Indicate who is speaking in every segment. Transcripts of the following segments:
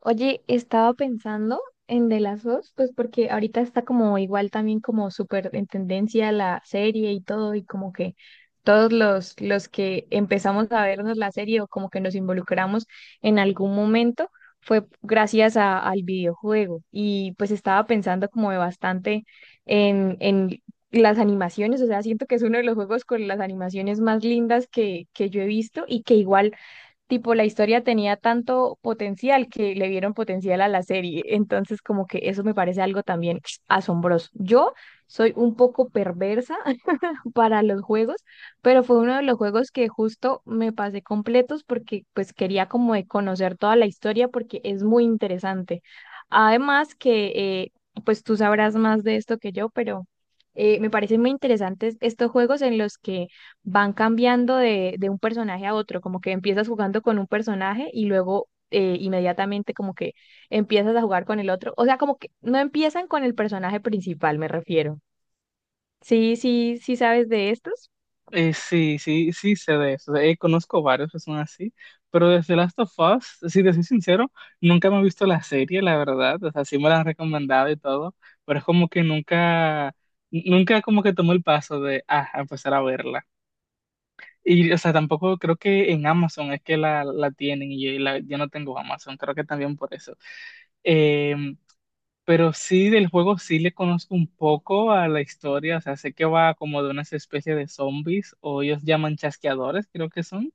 Speaker 1: Oye, estaba pensando en de las dos, pues porque ahorita está como igual también como súper en tendencia la serie y todo, y como que todos los que empezamos a vernos la serie o como que nos involucramos en algún momento fue gracias al videojuego. Y pues estaba pensando como de bastante en las animaciones, o sea, siento que es uno de los juegos con las animaciones más lindas que yo he visto y que igual tipo la historia tenía tanto potencial que le dieron potencial a la serie. Entonces, como que eso me parece algo también asombroso. Yo soy un poco perversa para los juegos, pero fue uno de los juegos que justo me pasé completos porque pues quería como de conocer toda la historia porque es muy interesante. Además que pues tú sabrás más de esto que yo, pero me parecen muy interesantes estos juegos en los que van cambiando de un personaje a otro, como que empiezas jugando con un personaje y luego inmediatamente como que empiezas a jugar con el otro, o sea, como que no empiezan con el personaje principal, me refiero. Sí, sí, sí sabes de estos.
Speaker 2: Sí, sí, sí sé de eso. Conozco varios que son así, pero desde Last of Us, si te soy sincero, nunca me he visto la serie, la verdad. O sea, sí me la han recomendado y todo, pero es como que nunca como que tomé el paso de, ah, a empezar a verla. Y, o sea, tampoco creo que en Amazon es que la tienen y yo, yo no tengo Amazon, creo que también por eso. Em, pero sí, del juego sí le conozco un poco a la historia, o sea, sé que va como de unas especies de zombies, o ellos llaman chasqueadores, creo que son,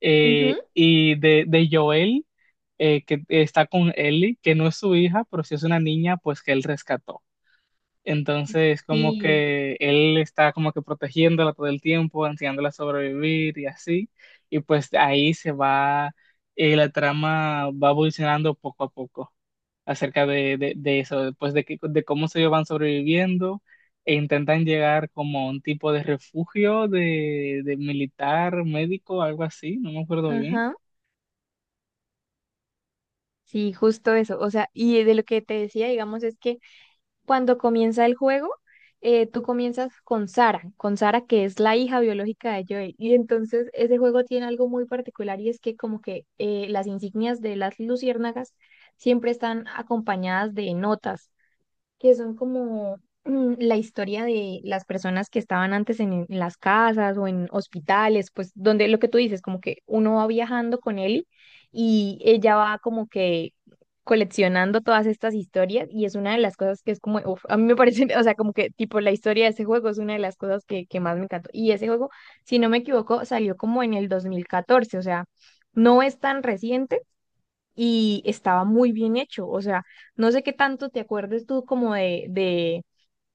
Speaker 2: eh,
Speaker 1: Ujú.
Speaker 2: y de, de Joel, que está con Ellie, que no es su hija, pero sí es una niña, pues que él rescató. Entonces, como
Speaker 1: Y,
Speaker 2: que él está como que protegiéndola todo el tiempo, enseñándola a sobrevivir y así, y pues ahí se va, la trama va evolucionando poco a poco acerca de eso, pues de cómo ellos van sobreviviendo e intentan llegar como a un tipo de refugio de militar, médico, algo así, no me acuerdo bien.
Speaker 1: ajá, sí, justo eso. O sea, y de lo que te decía, digamos, es que cuando comienza el juego, tú comienzas con Sara que es la hija biológica de Joel. Y entonces ese juego tiene algo muy particular y es que como que las insignias de las luciérnagas siempre están acompañadas de notas, que son como la historia de las personas que estaban antes en las casas o en hospitales, pues donde lo que tú dices, como que uno va viajando con él y ella va como que coleccionando todas estas historias y es una de las cosas que es como, uf, a mí me parece, o sea, como que tipo la historia de ese juego es una de las cosas que más me encantó. Y ese juego, si no me equivoco, salió como en el 2014, o sea, no es tan reciente y estaba muy bien hecho. O sea, no sé qué tanto te acuerdes tú como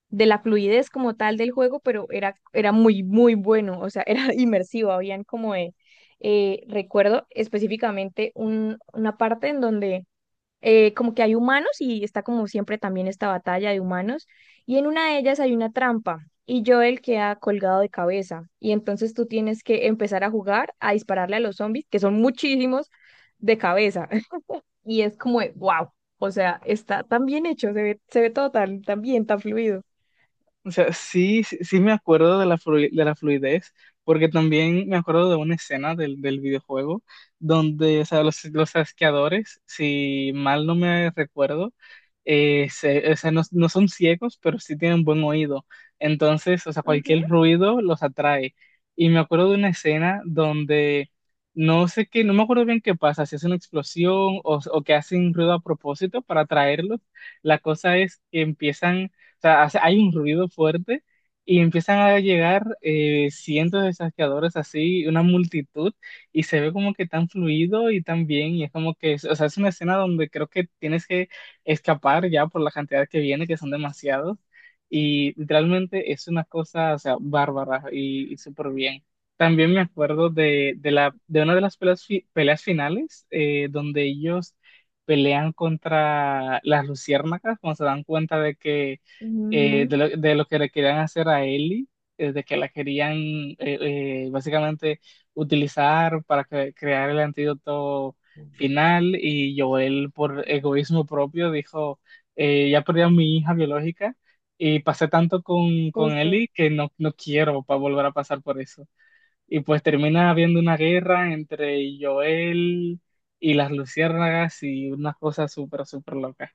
Speaker 1: de la fluidez como tal del juego, pero era muy, muy bueno. O sea, era inmersivo. Habían como de, recuerdo específicamente una parte en donde como que hay humanos y está como siempre también esta batalla de humanos. Y en una de ellas hay una trampa. Y Joel queda colgado de cabeza. Y entonces tú tienes que empezar a jugar, a dispararle a los zombies, que son muchísimos, de cabeza, y es como de, wow, o sea, está tan bien hecho, se ve todo tan, tan bien, tan fluido.
Speaker 2: O sea, sí, sí, sí me acuerdo de de la fluidez, porque también me acuerdo de una escena del videojuego donde, o sea, los asqueadores, si mal no me recuerdo, o sea, no, no son ciegos, pero sí tienen buen oído. Entonces, o sea,
Speaker 1: Ujú,
Speaker 2: cualquier ruido los atrae. Y me acuerdo de una escena donde no sé qué, no me acuerdo bien qué pasa, si es una explosión o que hacen ruido a propósito para atraerlos. La cosa es que empiezan, o sea, hay un ruido fuerte y empiezan a llegar cientos de saqueadores así, una multitud, y se ve como que tan fluido y tan bien, y es como que, o sea, es una escena donde creo que tienes que escapar ya por la cantidad que viene, que son demasiados, y literalmente es una cosa, o sea, bárbara y súper bien. También me acuerdo de una de las peleas, peleas finales, donde ellos pelean contra las luciérnagas, cuando se dan cuenta de que eh,
Speaker 1: ujú,
Speaker 2: de, lo, de lo que le querían hacer a Ellie, de que la querían básicamente utilizar para crear el antídoto final. Y Joel por egoísmo propio dijo, ya perdí a mi hija biológica y pasé tanto con
Speaker 1: justo.
Speaker 2: Ellie que no, no quiero volver a pasar por eso. Y pues termina habiendo una guerra entre Joel y las luciérnagas y unas cosas súper, súper locas.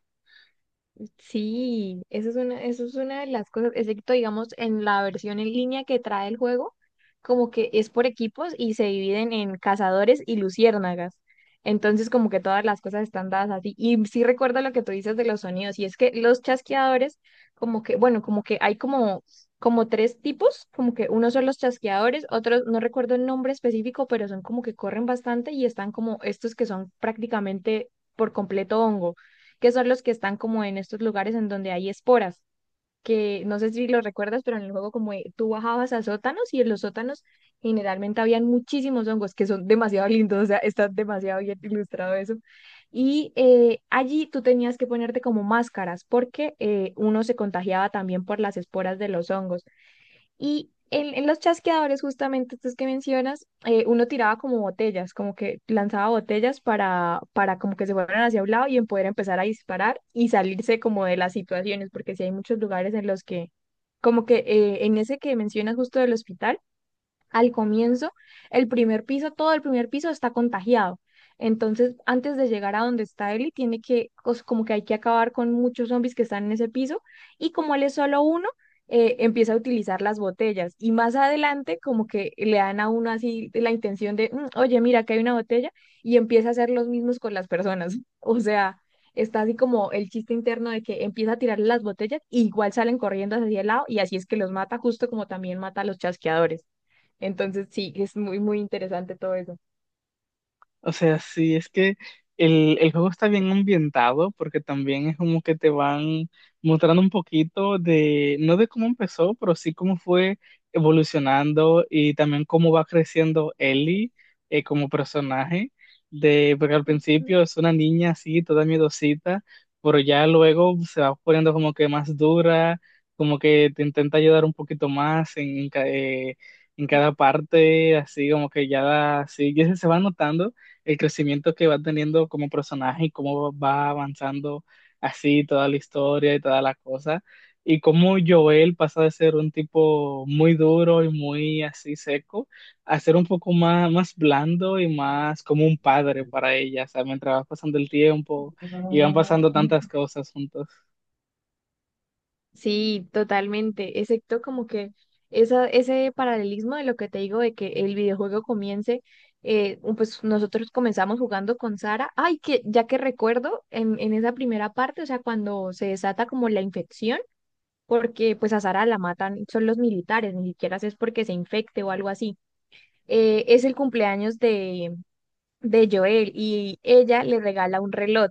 Speaker 1: Sí, eso es una de las cosas, excepto digamos en la versión en línea que trae el juego, como que es por equipos y se dividen en cazadores y luciérnagas. Entonces como que todas las cosas están dadas así. Y sí recuerda lo que tú dices de los sonidos, y es que los chasqueadores, como que, bueno, como que hay como tres tipos, como que unos son los chasqueadores, otros, no recuerdo el nombre específico, pero son como que corren bastante y están como estos que son prácticamente por completo hongo, que son los que están como en estos lugares en donde hay esporas, que no sé si lo recuerdas, pero en el juego como tú bajabas a sótanos y en los sótanos generalmente habían muchísimos hongos que son demasiado lindos, o sea, está demasiado bien ilustrado eso. Y allí tú tenías que ponerte como máscaras porque uno se contagiaba también por las esporas de los hongos. Y en los chasqueadores, justamente estos que mencionas, uno tiraba como botellas, como que lanzaba botellas para como que se fueran hacia un lado y en poder empezar a disparar y salirse como de las situaciones, porque sí hay muchos lugares en los que, como que en ese que mencionas justo del hospital, al comienzo, el primer piso, todo el primer piso está contagiado. Entonces, antes de llegar a donde está Ellie, tiene que, como que hay que acabar con muchos zombies que están en ese piso. Y como él es solo uno, empieza a utilizar las botellas. Y más adelante, como que le dan a uno así la intención de, "Mm, oye, mira, acá hay una botella". Y empieza a hacer los mismos con las personas. O sea, está así como el chiste interno de que empieza a tirar las botellas y igual salen corriendo hacia el lado. Y así es que los mata, justo como también mata a los chasqueadores. Entonces sí, es muy, muy interesante todo eso.
Speaker 2: O sea, sí, es que el juego está bien ambientado porque también es como que te van mostrando un poquito de, no de cómo empezó, pero sí cómo fue evolucionando y también cómo va creciendo Ellie, como personaje, de, porque al principio es una niña así, toda miedosita, pero ya luego se va poniendo como que más dura, como que te intenta ayudar un poquito más en cada parte, así como que ya, así, y eso se va notando el crecimiento que va teniendo como personaje y cómo va avanzando así toda la historia y toda la cosa. Y cómo Joel pasa de ser un tipo muy duro y muy así seco a ser un poco más, más blando y más como un padre para ella. O sea, mientras va pasando el tiempo y van pasando tantas cosas juntos.
Speaker 1: Sí, totalmente, excepto como que esa, ese paralelismo de lo que te digo de que el videojuego comience, pues nosotros comenzamos jugando con Sara, ay, que ya que recuerdo en esa primera parte, o sea, cuando se desata como la infección, porque pues a Sara la matan, son los militares, ni siquiera es porque se infecte o algo así. Es el cumpleaños de Joel y ella le regala un reloj,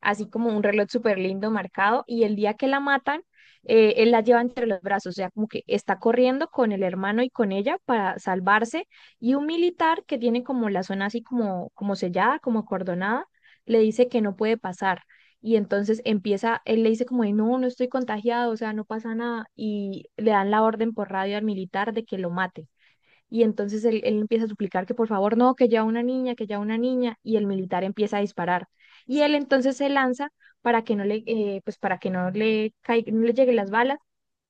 Speaker 1: así como un reloj súper lindo marcado, y el día que la matan, él la lleva entre los brazos, o sea, como que está corriendo con el hermano y con ella para salvarse, y un militar que tiene como la zona así como, como sellada, como acordonada, le dice que no puede pasar. Y entonces empieza, él le dice como, de, no, no estoy contagiado, o sea, no pasa nada. Y le dan la orden por radio al militar de que lo mate. Y entonces él empieza a suplicar que por favor no, que ya una niña, que ya una niña, y el militar empieza a disparar. Y él entonces se lanza para que no le, pues para que no le, no le lleguen las balas,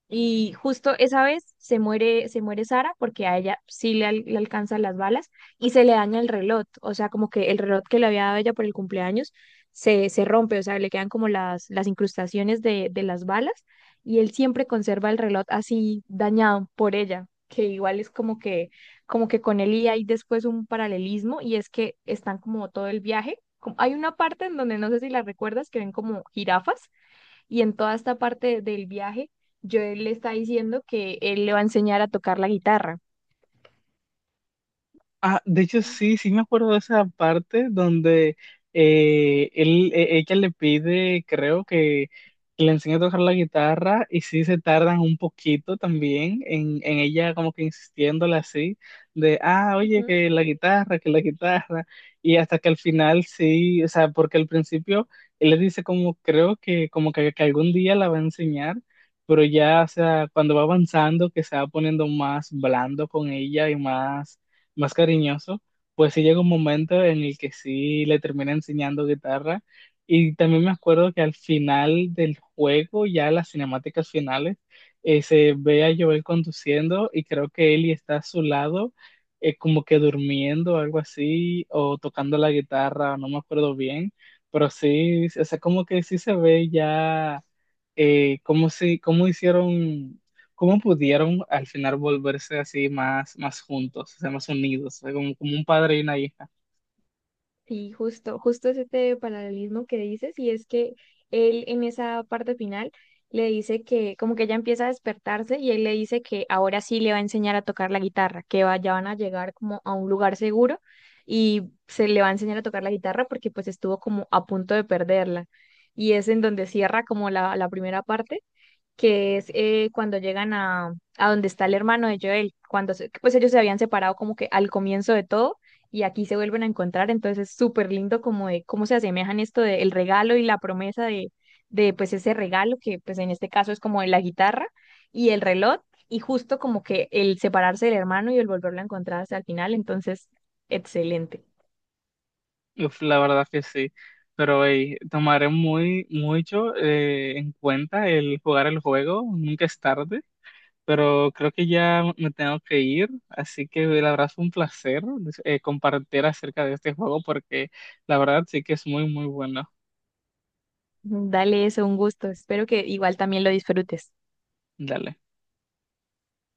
Speaker 1: y justo esa vez se muere Sara porque a ella sí le, le alcanzan las balas y se le daña el reloj. O sea, como que el reloj que le había dado ella por el cumpleaños se rompe, o sea, le quedan como las incrustaciones de las balas, y él siempre conserva el reloj así dañado por ella, que igual es como que con él, y hay después un paralelismo y es que están como todo el viaje. Como, hay una parte en donde no sé si la recuerdas que ven como jirafas, y en toda esta parte del viaje, Joel le está diciendo que él le va a enseñar a tocar la guitarra.
Speaker 2: Ah, de hecho sí, sí me acuerdo de esa parte donde ella le pide, creo que le enseñe a tocar la guitarra y sí se tardan un poquito también en ella como que insistiéndole así, de, ah, oye,
Speaker 1: Ujú.
Speaker 2: que la guitarra, y hasta que al final sí, o sea, porque al principio él le dice como, creo que como que algún día la va a enseñar. Pero ya, o sea, cuando va avanzando, que se va poniendo más blando con ella y más cariñoso, pues sí llega un momento en el que sí le termina enseñando guitarra. Y también me acuerdo que al final del juego, ya las cinemáticas finales, se ve a Joel conduciendo y creo que Ellie está a su lado, como que durmiendo, algo así, o tocando la guitarra, no me acuerdo bien, pero sí, o sea, como que sí se ve ya cómo, si, ¿cómo hicieron, cómo pudieron al final volverse así más, más juntos, o sea, más unidos, o sea, como, como un padre y una hija?
Speaker 1: Sí, justo, justo es este paralelismo que dices, y es que él en esa parte final le dice que como que ella empieza a despertarse y él le dice que ahora sí le va a enseñar a tocar la guitarra, que ya van a llegar como a un lugar seguro y se le va a enseñar a tocar la guitarra porque pues estuvo como a punto de perderla. Y es en donde cierra como la primera parte, que es cuando llegan a donde está el hermano de Joel, cuando pues ellos se habían separado como que al comienzo de todo y aquí se vuelven a encontrar, entonces es súper lindo como de cómo se asemejan esto del regalo y la promesa de pues ese regalo que pues en este caso es como de la guitarra y el reloj, y justo como que el separarse del hermano y el volverlo a encontrar hasta el final, entonces excelente.
Speaker 2: Uf, la verdad que sí. Pero hey, tomaré muy mucho en cuenta el jugar el juego, nunca es tarde, pero creo que ya me tengo que ir, así que la verdad fue un placer compartir acerca de este juego porque la verdad sí que es muy, muy bueno.
Speaker 1: Dale eso, un gusto, espero que igual también lo disfrutes.
Speaker 2: Dale.